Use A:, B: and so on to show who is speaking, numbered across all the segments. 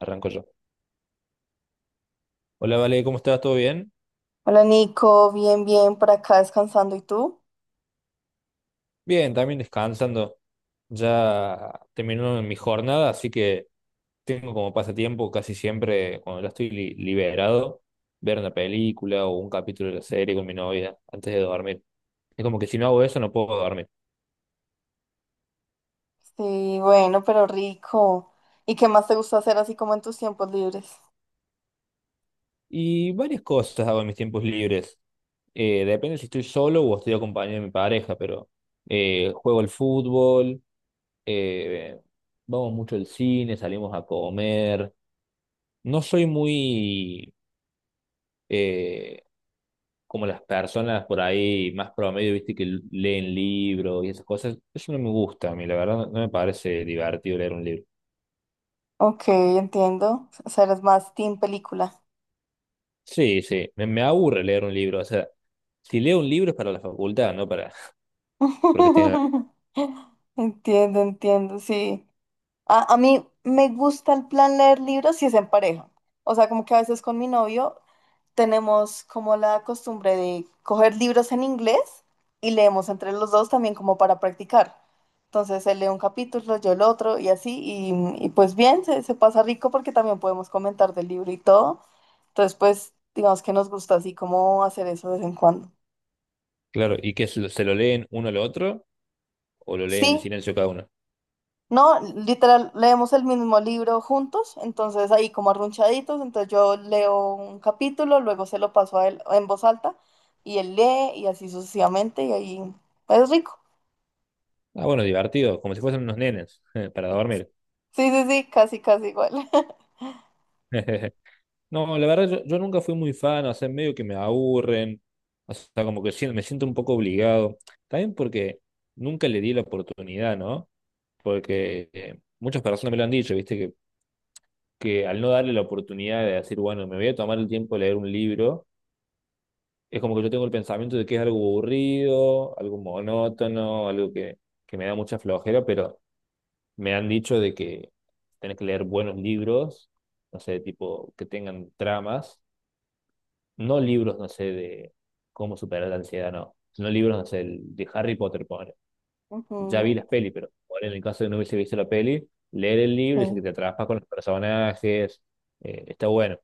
A: Arranco yo. Hola, Vale, ¿cómo estás? ¿Todo bien?
B: Hola Nico, bien, bien, por acá descansando. ¿Y tú?
A: Bien, también descansando. Ya terminó mi jornada, así que tengo como pasatiempo casi siempre, cuando ya estoy liberado, ver una película o un capítulo de la serie con mi novia antes de dormir. Es como que si no hago eso no puedo dormir.
B: Sí, bueno, pero rico. ¿Y qué más te gusta hacer así como en tus tiempos libres?
A: Y varias cosas hago en mis tiempos libres. Depende si estoy solo o estoy acompañado de mi pareja, pero juego al fútbol, eh, vamos mucho al cine, salimos a comer. No soy muy eh, como las personas por ahí más promedio, viste, que leen libros y esas cosas. Eso no me gusta a mí, la verdad, no me parece divertido leer un libro.
B: Ok, entiendo. O sea, eres más team película.
A: Sí, sí, me aburre leer un libro. O sea, si leo un libro es para la facultad, no para porque tenga.
B: Entiendo, entiendo, sí. A mí me gusta el plan leer libros si es en pareja. O sea, como que a veces con mi novio tenemos como la costumbre de coger libros en inglés y leemos entre los dos también como para practicar. Entonces él lee un capítulo, yo el otro y así. Y pues bien, se pasa rico porque también podemos comentar del libro y todo. Entonces pues digamos que nos gusta así como hacer eso de vez en cuando.
A: Claro, ¿y que se lo leen uno al otro o lo leen en
B: Sí,
A: silencio cada uno?
B: no, literal, leemos el mismo libro juntos, entonces ahí como arrunchaditos, entonces yo leo un capítulo, luego se lo paso a él en voz alta y él lee y así sucesivamente y ahí es rico.
A: Ah, bueno, divertido, como si fuesen unos nenes, para dormir.
B: Sí, sí, sí, casi, casi igual.
A: No, la verdad yo nunca fui muy fan, o sea, medio que me aburren, o sea, como que siento me siento un poco obligado, también porque nunca le di la oportunidad, ¿no? Porque muchas personas me lo han dicho, ¿viste? Que al no darle la oportunidad de decir, bueno, me voy a tomar el tiempo de leer un libro, es como que yo tengo el pensamiento de que es algo aburrido, algo monótono, que me da mucha flojera, pero me han dicho de que tenés que leer buenos libros, no sé, tipo, que tengan tramas no libros, no sé, de cómo superar la ansiedad, no, no libros, no sé, de Harry Potter, pobre. Ya vi
B: Ujú,
A: las pelis, pero pobre, en el caso de no hubiese visto la peli, leer el libro, dice que
B: sí.
A: te atrapas con los personajes, está bueno.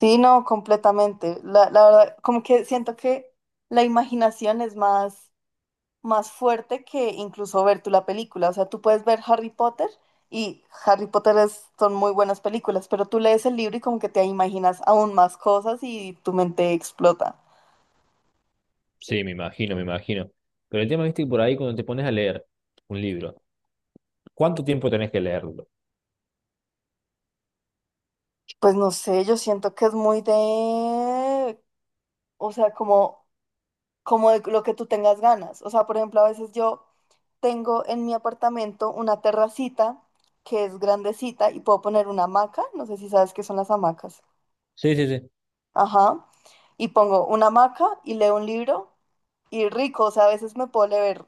B: Sí, no, completamente. La verdad, como que siento que la imaginación es más más fuerte que incluso ver tú la película. O sea, tú puedes ver Harry Potter y son muy buenas películas, pero tú lees el libro y como que te imaginas aún más cosas y tu mente explota.
A: Sí, me imagino, me imagino. Pero el tema, viste, que por ahí cuando te pones a leer un libro, ¿cuánto tiempo tenés que leerlo?
B: Pues no sé, yo siento que es muy de, o sea, como, como de lo que tú tengas ganas. O sea, por ejemplo, a veces yo tengo en mi apartamento una terracita que es grandecita y puedo poner una hamaca. No sé si sabes qué son las hamacas.
A: Sí, sí, sí.
B: Ajá. Y pongo una hamaca y leo un libro y rico. O sea, a veces me puedo leer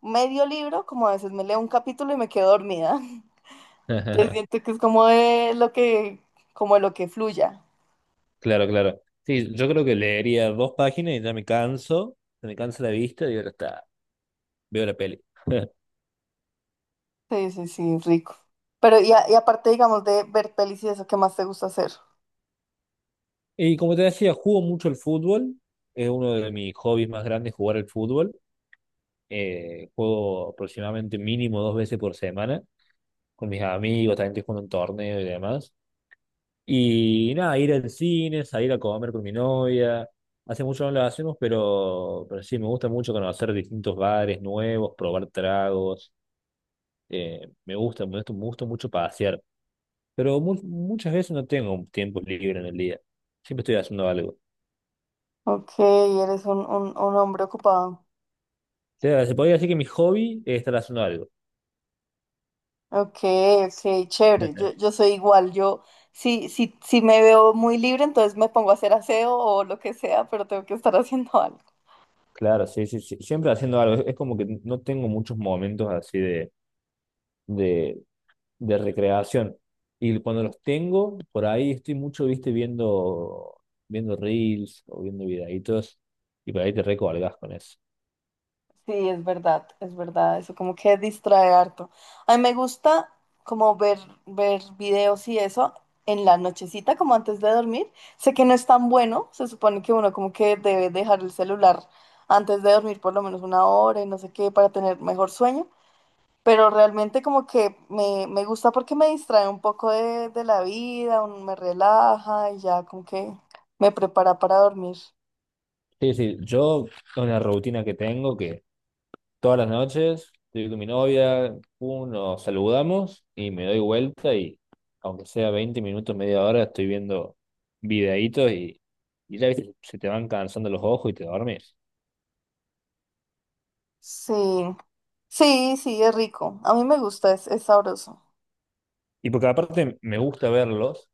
B: medio libro, como a veces me leo un capítulo y me quedo dormida. Te siento que es como de lo que, como lo que fluya.
A: Claro, claro. Sí, yo creo que leería dos páginas y ya me canso, me cansa la vista y ahora está, veo la peli.
B: Sí, sí, sí, rico. Pero y, y aparte, digamos, de ver pelis y eso, ¿qué más te gusta hacer?
A: Y como te decía, juego mucho el fútbol. Es uno de mis hobbies más grandes jugar el fútbol. Juego aproximadamente mínimo dos veces por semana con mis amigos, también estoy jugando un torneo y demás. Y nada, ir al cine, salir a comer con mi novia. Hace mucho no lo hacemos, pero sí, me gusta mucho conocer distintos bares nuevos, probar tragos. Me gusta mucho pasear. Pero muchas veces no tengo tiempo libre en el día. Siempre estoy haciendo algo.
B: Ok, eres un hombre ocupado.
A: Sea, se podría decir que mi hobby es estar haciendo algo.
B: Ok, ok, chévere. Yo, yo soy igual. Yo, si, si, si me veo muy libre, entonces me pongo a hacer aseo o lo que sea, pero tengo que estar haciendo algo.
A: Claro, sí, sí, sí. Siempre haciendo algo. Es como que no tengo muchos momentos así de, de recreación. Y cuando los tengo, por ahí estoy mucho, viste, viendo reels o viendo videitos. Y por ahí te recolgas con eso.
B: Sí, es verdad, eso como que distrae harto. A mí me gusta como ver, ver videos y eso en la nochecita, como antes de dormir. Sé que no es tan bueno, se supone que uno como que debe dejar el celular antes de dormir por lo menos una hora y no sé qué para tener mejor sueño, pero realmente como que me gusta porque me distrae un poco de la vida, me relaja y ya como que me prepara para dormir.
A: Sí, sí, yo una rutina que tengo todas las noches estoy con mi novia, pum, nos saludamos y me doy vuelta y aunque sea 20 minutos, media hora, estoy viendo videitos y, y ya viste, se te van cansando los ojos y te dormís.
B: Sí. Sí, sí, es rico. A mí me gusta, es sabroso.
A: Y porque aparte me gusta verlos,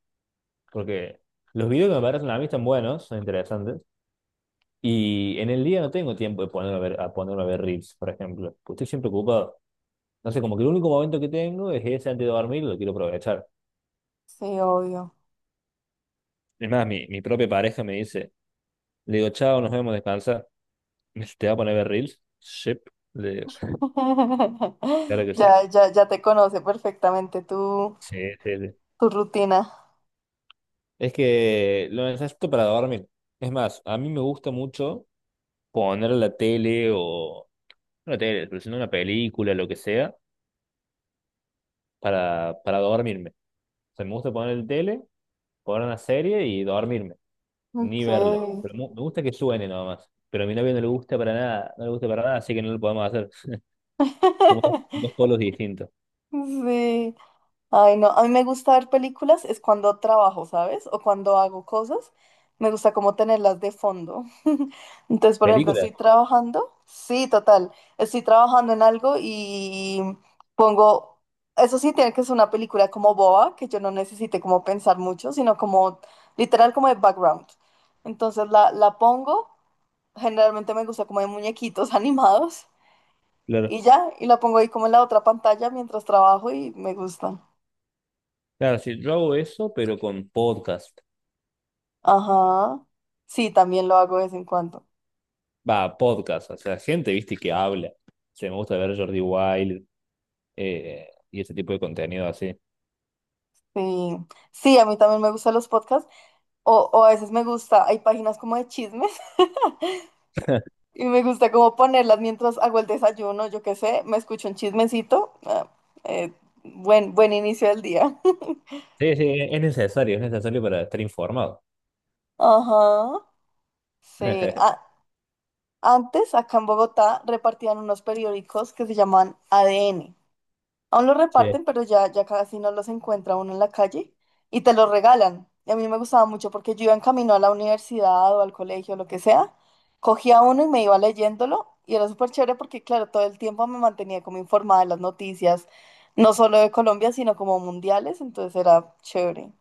A: porque los videos que me parecen a mí están buenos, son interesantes, y en el día no tengo tiempo de ponerme a ver, a ponerme a ver reels, por ejemplo, porque estoy siempre ocupado. No sé, como que el único momento que tengo es ese antes de dormir, lo quiero aprovechar.
B: Sí, obvio.
A: Es más, mi propia pareja me dice, le digo, chao, nos vemos, descansa. Te va a poner a ver Reels. Sí, le- claro que sí.
B: Ya, ya, ya te conoce perfectamente tu,
A: Sí, sí, sí.
B: tu rutina.
A: Es que lo necesito para dormir. Es más, a mí me gusta mucho poner la tele o... No la tele, pero sino una película, lo que sea, para dormirme. O sea, me gusta poner la tele, poner una serie y dormirme, ni
B: Ok.
A: verla. Pero me gusta que suene nada más. Pero a mi novio no le gusta para nada, no le gusta para nada, así que no lo podemos hacer. Somos dos polos distintos.
B: Sí. Ay, no, a mí me gusta ver películas, es cuando trabajo, ¿sabes? O cuando hago cosas, me gusta como tenerlas de fondo. Entonces, por ejemplo, estoy
A: ¿Películas?
B: trabajando, sí, total, estoy trabajando en algo y pongo, eso sí, tiene que ser una película como boba, que yo no necesite como pensar mucho, sino como literal como de background. Entonces la pongo, generalmente me gusta como de muñequitos animados
A: Claro.
B: y ya, y la pongo ahí como en la otra pantalla mientras trabajo y me gusta.
A: Claro, sí, yo hago eso, pero con podcast.
B: Ajá. Sí, también lo hago de vez en cuando.
A: Va, podcast, o sea, gente, viste, que habla. Se me gusta ver Jordi Wild y ese tipo de contenido así.
B: Sí. Sí, a mí también me gustan los podcasts. O a veces me gusta, hay páginas como de chismes y me gusta como ponerlas mientras hago el desayuno, yo qué sé, me escucho un chismecito. Eh, buen, buen inicio del día.
A: Sí, sí, es necesario para estar informado.
B: Ajá. Sí. Antes, acá en Bogotá, repartían unos periódicos que se llamaban ADN. Aún los
A: Sí,
B: reparten, pero ya, ya casi no los encuentra uno en la calle y te los regalan. Y a mí me gustaba mucho porque yo iba en camino a la universidad o al colegio, lo que sea, cogía uno y me iba leyéndolo y era súper chévere porque, claro, todo el tiempo me mantenía como informada de las noticias, no solo de Colombia, sino como mundiales, entonces era chévere.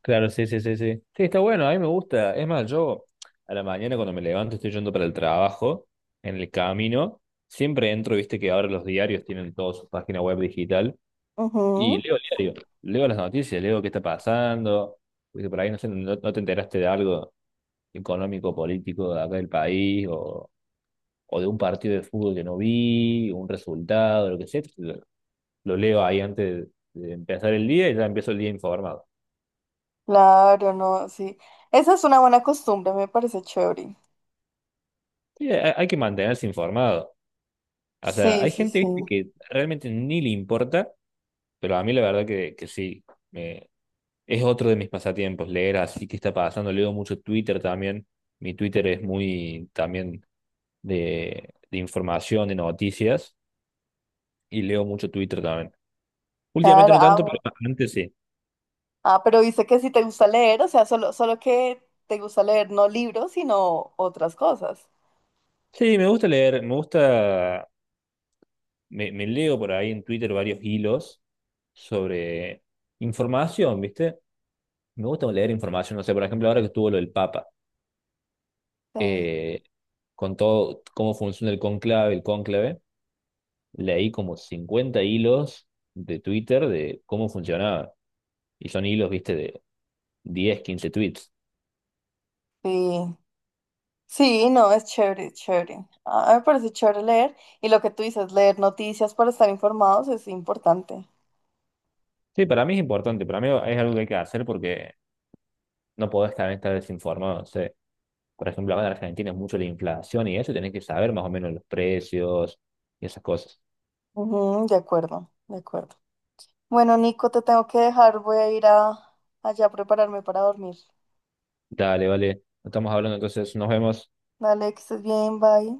A: claro, sí, sí, sí, sí. Sí, está bueno, a mí me gusta. Es más, yo a la mañana cuando me levanto estoy yendo para el trabajo, en el camino, siempre entro, viste que ahora los diarios tienen toda su página web digital y
B: Ujú,
A: leo el diario, leo las noticias, leo qué está pasando, viste, por ahí no sé, no te enteraste de algo económico, político de acá del país o de un partido de fútbol que no vi, un resultado, lo que sea. Lo leo ahí antes de empezar el día y ya empiezo el día informado.
B: claro, no, sí. Esa es una buena costumbre, me parece chévere.
A: Sí, hay que mantenerse informado. O sea,
B: Sí,
A: hay
B: sí,
A: gente,
B: sí.
A: viste, que realmente ni le importa, pero a mí la verdad que sí. me- es otro de mis pasatiempos, leer así que está pasando. Leo mucho Twitter también. Mi Twitter es muy también de información, de noticias, y leo mucho Twitter también. Últimamente
B: Claro,
A: no tanto, pero
B: ah,
A: antes sí.
B: ah, pero dice que si te gusta leer, o sea, solo, solo que te gusta leer no libros, sino otras cosas.
A: Sí, me gusta leer, me leo por ahí en Twitter varios hilos sobre información, ¿viste? Me gusta leer información, no sé, por ejemplo, ahora que estuvo lo del Papa,
B: Sí,
A: eh, con todo cómo funciona el cónclave, leí como 50 hilos de Twitter de cómo funcionaba. Y son hilos, ¿viste? De 10, 15 tweets.
B: sí, sí, no, es chévere, es chévere. A mí me parece chévere leer y lo que tú dices, leer noticias para estar informados es importante.
A: Sí, para mí es importante, para mí es algo que hay que hacer porque no podés estar desinformado, por ejemplo, acá en Argentina es mucho la inflación y eso, y tenés que saber más o menos los precios y esas cosas.
B: Ujú, de acuerdo, de acuerdo. Bueno, Nico, te tengo que dejar, voy a ir a allá a prepararme para dormir.
A: Dale, vale. Estamos hablando entonces, nos vemos.
B: Dale, que estés bien, bye.